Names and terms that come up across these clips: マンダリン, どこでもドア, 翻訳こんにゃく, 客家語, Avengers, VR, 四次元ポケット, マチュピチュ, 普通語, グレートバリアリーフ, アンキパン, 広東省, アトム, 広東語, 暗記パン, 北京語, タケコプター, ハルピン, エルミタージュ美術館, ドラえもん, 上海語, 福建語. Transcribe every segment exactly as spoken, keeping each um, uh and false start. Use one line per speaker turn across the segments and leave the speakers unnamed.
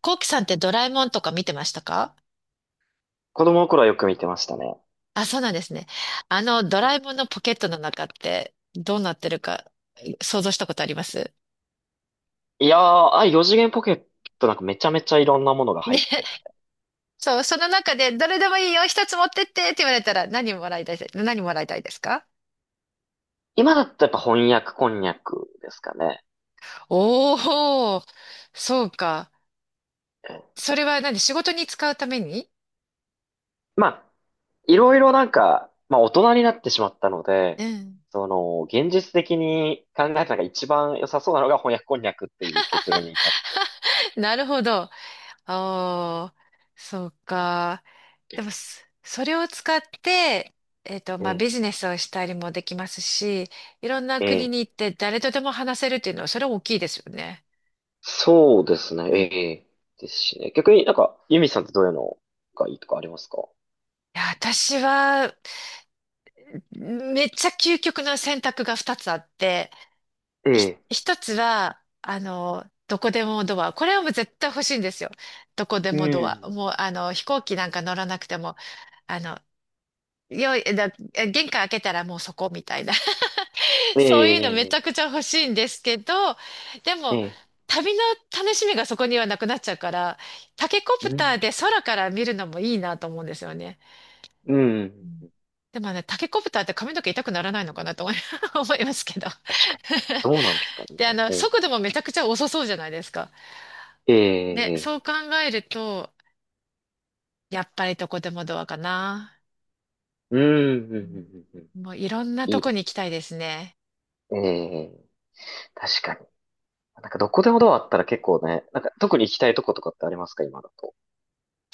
コウキさんってドラえもんとか見てましたか？
子供の頃はよく見てましたね。
あ、そうなんですね。あの、ドラえもんのポケットの中ってどうなってるか想像したことあります
いやー、ああいう四次元ポケットなんかめちゃめちゃいろんなものが
ね。
入ってる。
そう、その中でどれでもいいよ、一つ持ってってって言われたら何もらいたいです、何もらいたいですか？
今だったらやっぱ翻訳こんにゃくですかね。
おー、そうか。
ええ、
それは何？仕事に使うために？
まあ、いろいろなんか、まあ大人になってしまったので、
うん。
その、現実的に考えたのが一番良さそうなのが翻訳こんにゃくっていう結論に至っ
なるほど。ああ、そうか。で
て。
もそそれを使って、えっと、
え
まあ、ビ
え、
ジネスをしたりもできますし、いろんな
え
国に
え、
行って誰とでも話せるっていうのは、それは大きいですよね。
そうですね、
うん。い
ええ、ですしね。逆になんか、ユミさんってどういうのがいいとかありますか？
や、私は、めっちゃ究極の選択がふたつあって、
え
ひ、
え、
ひとつは、あの、どこでもドア。これはもう絶対欲しいんですよ。どこで
う
もドア。
ん。
もう、あの、飛行機なんか乗らなくても、あの、よい、だ、玄関開けたらもうそこみたいな。
え
そういうのめち
え、
ゃくちゃ欲しいんですけど、で
え
も、
え、ええ、
旅の楽しみがそこにはなくなっちゃうから、タケコ
う
プター
ん。
で空から見るのもいいなと思うんですよね。
う
う
ん。
ん。でもね、タケコプターって髪の毛痛くならないのかなと思い 思いますけど。
確かに。どうなんですか ね。
で、あの、速度もめちゃくちゃ遅そうじゃないですか。で、
ええ
そう考えると、やっぱりどこでもドアかな。
ー、うん、うん、う
う
ん、うん。
ん。もういろんな
い
と
い
こ
で
に
す。
行きたいですね。
ええー、確かに。なんかどこでもドアあったら結構ね、なんか特に行きたいとことかってありますか、今だと？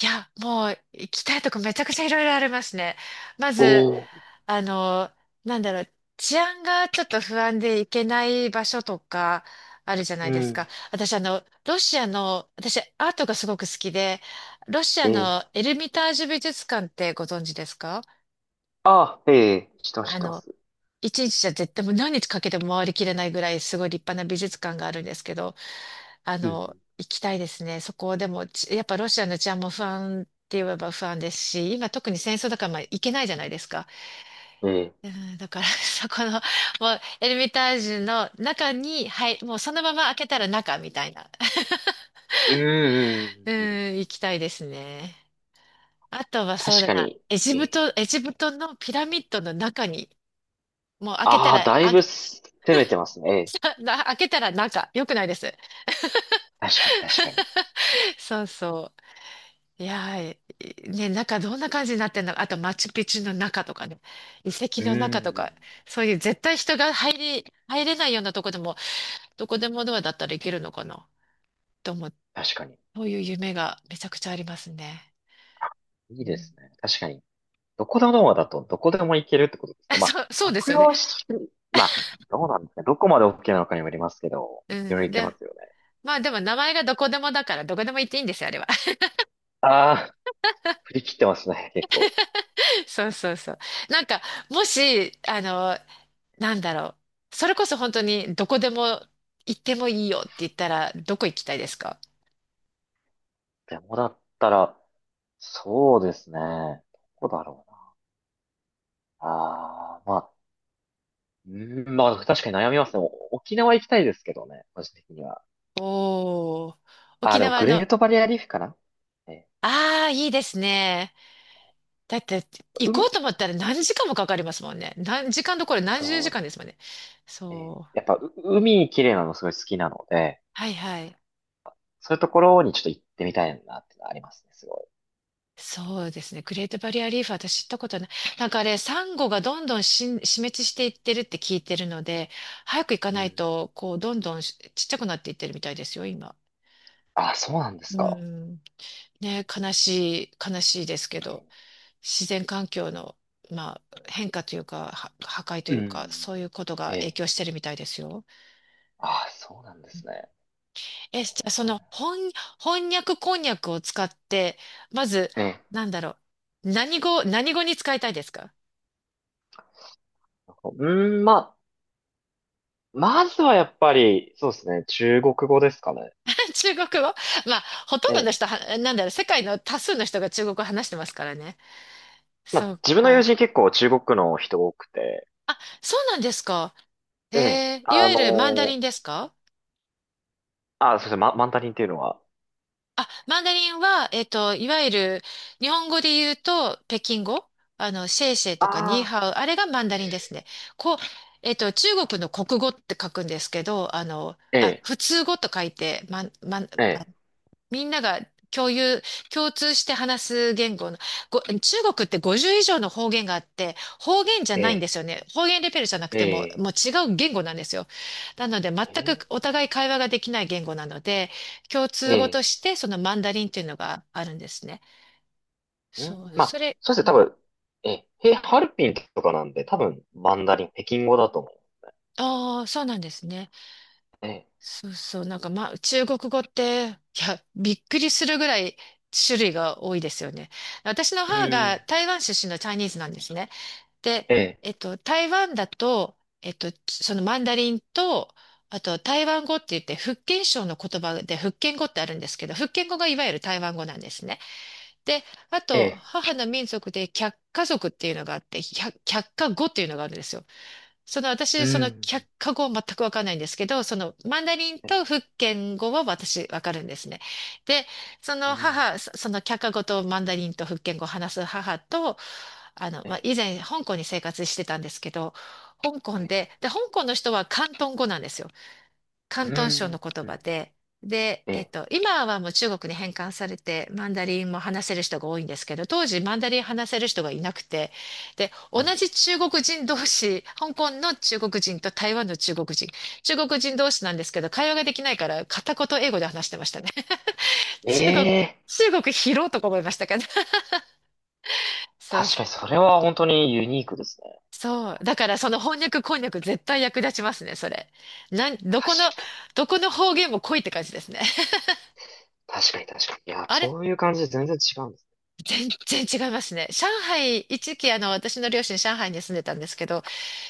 いや、もう行きたいとこめちゃくちゃいろいろありますね。まず、
おー、
あの、なんだろう、治安がちょっと不安で行けない場所とかあるじゃない
う
ですか。
ん。
私、あの、ロシアの、私、アートがすごく好きで、ロシア
ええ、
のエルミタージュ美術館ってご存知ですか？
ああ、ええ、知ってます、知
あ
ってま
の、
す。
一日じゃ絶対もう何日かけても回りきれないぐらいすごい立派な美術館があるんですけど、あ
う
の、
ん、
行きたいですね。そこでも、ちやっぱロシアの治安も不安って言えば不安ですし、今特に戦争だからまあ行けないじゃないですか。
うん、え
う
え、
ん、だから、そこの、もう、エルミタージュの中に、はい、もうそのまま開けたら中みたいな。
うん、う
う
ん、うんうん。
ん、行きたいですね。あとはそう
確
だ
か
な、
に。
エジ
え
プ
え、
ト、エジプトのピラミッドの中に、もう開けた
ああ、
ら、
だい
あ、
ぶ攻めてますね。ええ、
な開けたら中、よくないです。
確かに、確かに。
そうそう。いやー、いね、中どんな感じになってんのか。あと、マチュピチュの中とかね、遺跡
うん、
の中と
う
か、
ん、
そういう絶対人が入り、入れないようなとこでも、どこでもドアだったらいけるのかな。と思って、
確かに。
そういう夢がめちゃくちゃありますね。
いいですね。確かに。どこのドアだとどこでも行けるってことで す
あ
か？ま
そう、そ
あ、
うです
悪
よね。
用し、まあ、どうなんですかね、どこまで オーケー なのかにもよりますけど、
う
いろいろ
ん。
行けま
で、
すよね。
まあでも名前がどこでもだからどこでも行っていいんですよ、あれは。
ああ、振り切ってますね、結構。
そうそうそう。なんか、もし、あの、なんだろう。それこそ本当にどこでも行ってもいいよって言ったら、どこ行きたいですか？
でもだったら、そうですね。どこだろうな。ああ、まあ、うーん、まあ、確かに悩みますね。お沖縄行きたいですけどね、個人的には。
おー。
あ
沖
あ、でも
縄
グ
の、
レー
あ
トバリアリーフかな。え
あ、いいですね。だって、行
ー、う
こう
ん、
と思ったら何時間もかかりますもんね。何時間どころ、何
そ
十時間ですもんね。
う、えー
そう。
やっぱ、う海綺麗なのすごい好きなので、
はいはい。
そういうところにちょっと行ってみたいなってのはありますね、すごい。
そうですね。グレートバリアリーフ、私知ったことない。なんかあれ、サンゴがどんどん死ん死滅していってるって聞いてるので、早く行か
う
ない
ん。
と、こう、どんどんしちっちゃくなっていってるみたいですよ、今。
あ、そうなんです
う
か。
ん。
え
ね、悲しい、悲しいですけど、
え、
自然環境の、まあ、変化というか、は破壊と
う
いうか、
ん。
そういうことが
え
影
え。
響してるみたいですよ。
あ、そうなんですね。
え、じゃあその翻、翻訳こんにゃくを使って、まず、
ええ。
なんだろう、何語、何語に使いたいですか？
うん、まあ、まずはやっぱり、そうですね、中国語ですかね。
中国語。まあ、ほとん
え
どの人
え。
は、なんだろう、世界の多数の人が中国語話してますからね。
ま
そ
あ、
う
自分の友
か。
人結構中国の人多くて、
あ、そうなんですか。
ええ。
えー、い
あ
わゆるマンダリン
の
ですか？
あ、そうですね、マ、マンダリンっていうのは。
あ、マンダリンは、えっと、いわゆる日本語で言うと北京語、あの、シェイシェイ
あ
とかニー
あ。
ハオ、あれがマンダリンですね。こう、えっと、中国の国語って書くんですけど、あの、
え
あ、
え、
普通語と書いて、ま、ま、マ
ええ、
みんなが共有、共通して話す言語の、ご、中国ってごじゅう以上の方言があって、方言じゃ
え
ないんで
え、
すよね。方言レベルじゃなく
え
ても、
え、
もう違う言語なんですよ。なので、全
ええ、
くお互い会話ができない言語なので、共通語と
ええ、
してそのマンダリンっていうのがあるんですね。
う
そう、
ん、まあ、
それ、
そうですね、多分、ええ、へハルピンとかなんで、多分、マンダリン、北京語だと思う。
ああー、そうなんですね。
ええ、
そうそう、なんかまあ、中国語って、いや、びっくりするぐらい種類が多いですよね。私の
う
母が
ん。
台湾出身のチャイニーズなんですね。で、
ええ、
えっと、台湾だと、えっと、そのマンダリンと、あと台湾語って言って、福建省の言葉で福建語ってあるんですけど、福建語がいわゆる台湾語なんですね。で、あ
え
と、
え、
母の民族で客家族っていうのがあって、百客家語っていうのがあるんですよ。その
う
私、その
ん。
客家語は全くわかんないんですけど、そのマンダリン
ええ、
と福建語は私わかるんですね。で、そ
う
の
ん。
母、そその客家語とマンダリンと福建語を話す母と、あの、
え
まあ、
え、
以前香港に生活してたんですけど、香港
ええ、
で、で、香港の人は広東語なんですよ。
う
広東省の
ん。
言
う
葉
ん。
で、で、
え
えっ
え。
と、今はもう中国に返還されて、マンダリンも話せる人が多いんですけど、当時マンダリン話せる人がいなくて、で、同
うん、
じ中国人同士、香港の中国人と台湾の中国人、中国人同士なんですけど、会話ができないから片言英語で話してましたね。
え
中国、
え、
中国広いとか思いましたけど。そう、
確かにそれは本当にユニークですね。
そう。だからその翻訳こんにゃく絶対役立ちますね、それ。なん、どこの、
確かに、
どこの方言も濃いって感じですね。
確かに、確かに。いや、
あれ
そういう感じで全然違うんです
全然違いますね。上海、一時期あの私の両親上海に住んでたんですけど、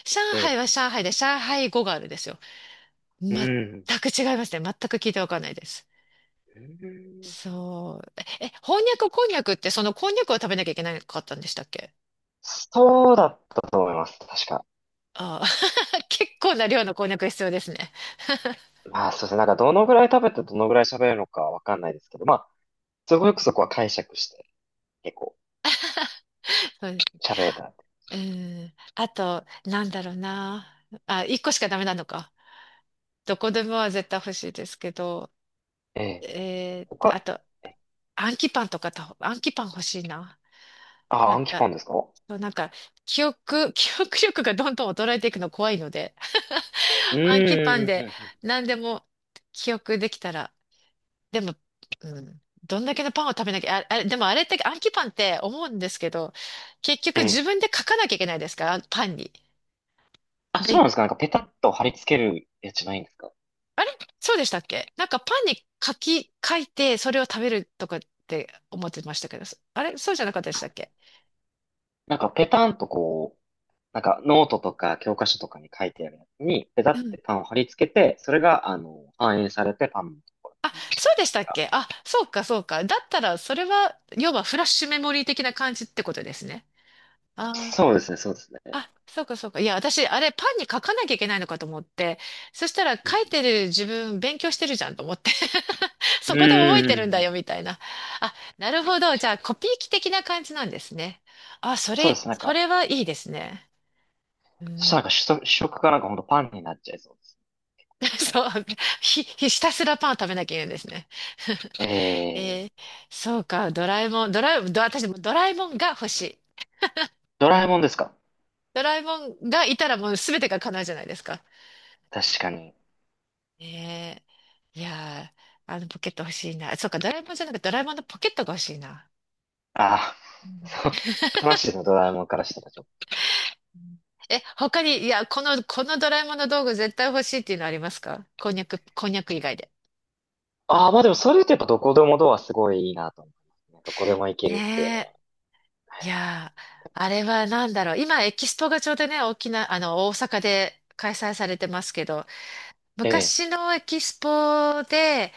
上
ね。え
海
え、
は上海で上海語があるんですよ。
う
全
ん。
く違いますね。全く聞いてわかんないです。
うん、
そう。え、えこんにゃくこんにゃくってそのこんにゃくを食べなきゃいけなかったんでしたっけ？
そうだったと思います。確か。
ああ、結構な量のこんにゃく必要ですね。
まあ、そうですね。なんか、どのぐらい食べてどのぐらい喋るのかわかんないですけど、まあ、すごくそこは解釈して、結構
そうです。
喋れたんで。
うん。あと、なんだろうな。あ、一個しかダメなのか。どこでもは絶対欲しいですけど、
ええ、
えー、あ
他、
と、
え、
あんきパンとかと、あんきパン欲しいな。
あ、
なん
アンキ
か
パンですか？
そう、なんか、記憶、記憶力がどんどん衰えていくの怖いので、
うー
暗記パン
ん、うん、う
で
ん、うん、
何でも記憶できたら、でも、うん、どんだけのパンを食べなきゃ、あ、あれ、でもあれって暗記パンって思うんですけど、結
え
局自
え。
分で書かなきゃいけないですから、パンに。
あ、そう
で、
なんですか。なんかペタッと貼り付けるやつじゃないんですか。
あれそうでしたっけ？なんかパンに書き、書いてそれを食べるとかって思ってましたけど、あれそうじゃなかったでしたっけ？
なんかペタンとこう、なんかノートとか教科書とかに書いてあるやつに、ペタってパンを貼り付けて、それが、あの、反映されてパンのところ
あ、
に文字
そう
って
で
い
し
う
たっ
か。
け？あ、そうか、そうか。だったら、それは、要はフラッシュメモリー的な感じってことですね。あ
そうですね、そうですね。
あ、あそうか、そうか。いや、私、あれ、パンに書かなきゃいけないのかと思って、そしたら、
う
書
ん、
いてる自分、勉強してるじゃんと思って。
うー
そこで覚えてるんだよ、
ん、
みたいな。あ、なるほど。
確
じ
か
ゃ
に。
あ、コピー機的な感じなんですね。あ、そ
そうで
れ、
すね、なん
そ
か、
れはいいですね。う
そした
ん、
らなんか主食、主食がなんかほんとパンになっちゃいそうですね。一 回
そ
食
う、ひ、ひたすらパンを食べなきゃいけないんですね。
べて。え
えー、
ー、
そうか。ドラえもん、ドラえもん、ど私もドラえもんが欲しい。
ドラえもんですか？
ドラえもんがいたらもう全てが叶うじゃないですか。
確かに。
えー、いやー、あのポケット欲しいな。そうか、ドラえもんじゃなくてドラえもんのポケットが欲しいな。
ああ、
う
そ
ん。
う、悲 しいですね、ドラえもんからしたら。
え、他に、いや、この、このドラえもんの道具絶対欲しいっていうのありますか？こんにゃく、こんにゃく以外で。
ああ、まあでもそれってやっぱどこでもドアすごいいいなと思いますね。どこでも行けるっていうの
ね
は。
え。いやー、あれは何だろう。今、エキスポがちょうどね、沖縄、あの、大阪で開催されてますけど、
ええ、
昔のエキスポで、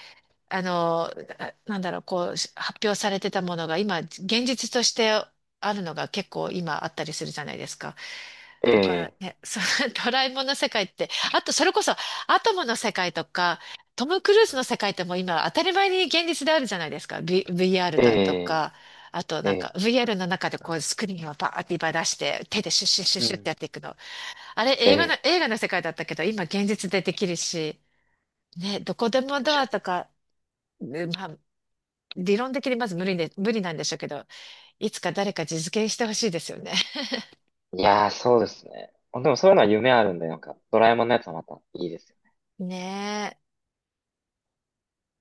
あの、あなんだろう、こう、し発表されてたものが今、現実としてあるのが結構今あったりするじゃないですか。
え
だから
え、
ね、その ドラえもんの世界って、あとそれこそアトムの世界とか、トム・クルーズの世界ってもう今当たり前に現実であるじゃないですか。V、ブイアー r
え
だと
え、
か、あと
え
なんか
え、
ブイアール の中でこうスクリーンをバーっていっぱい出して手でシュッシュッシュッ
う
シュッって
ん、
やっていくの。あれ
え
映画の、
え、
映画の世界だったけど今現実でできるし、ね、どこでもド
確
ア
か
とか、ねまあ理論的にまず無理で、無理なんでしょうけど、いつか誰か実現してほしいですよね。
に。いやー、そうですね。でもそういうのは夢あるんで、なんか、ドラえもんのやつはまたいいですよね。
ね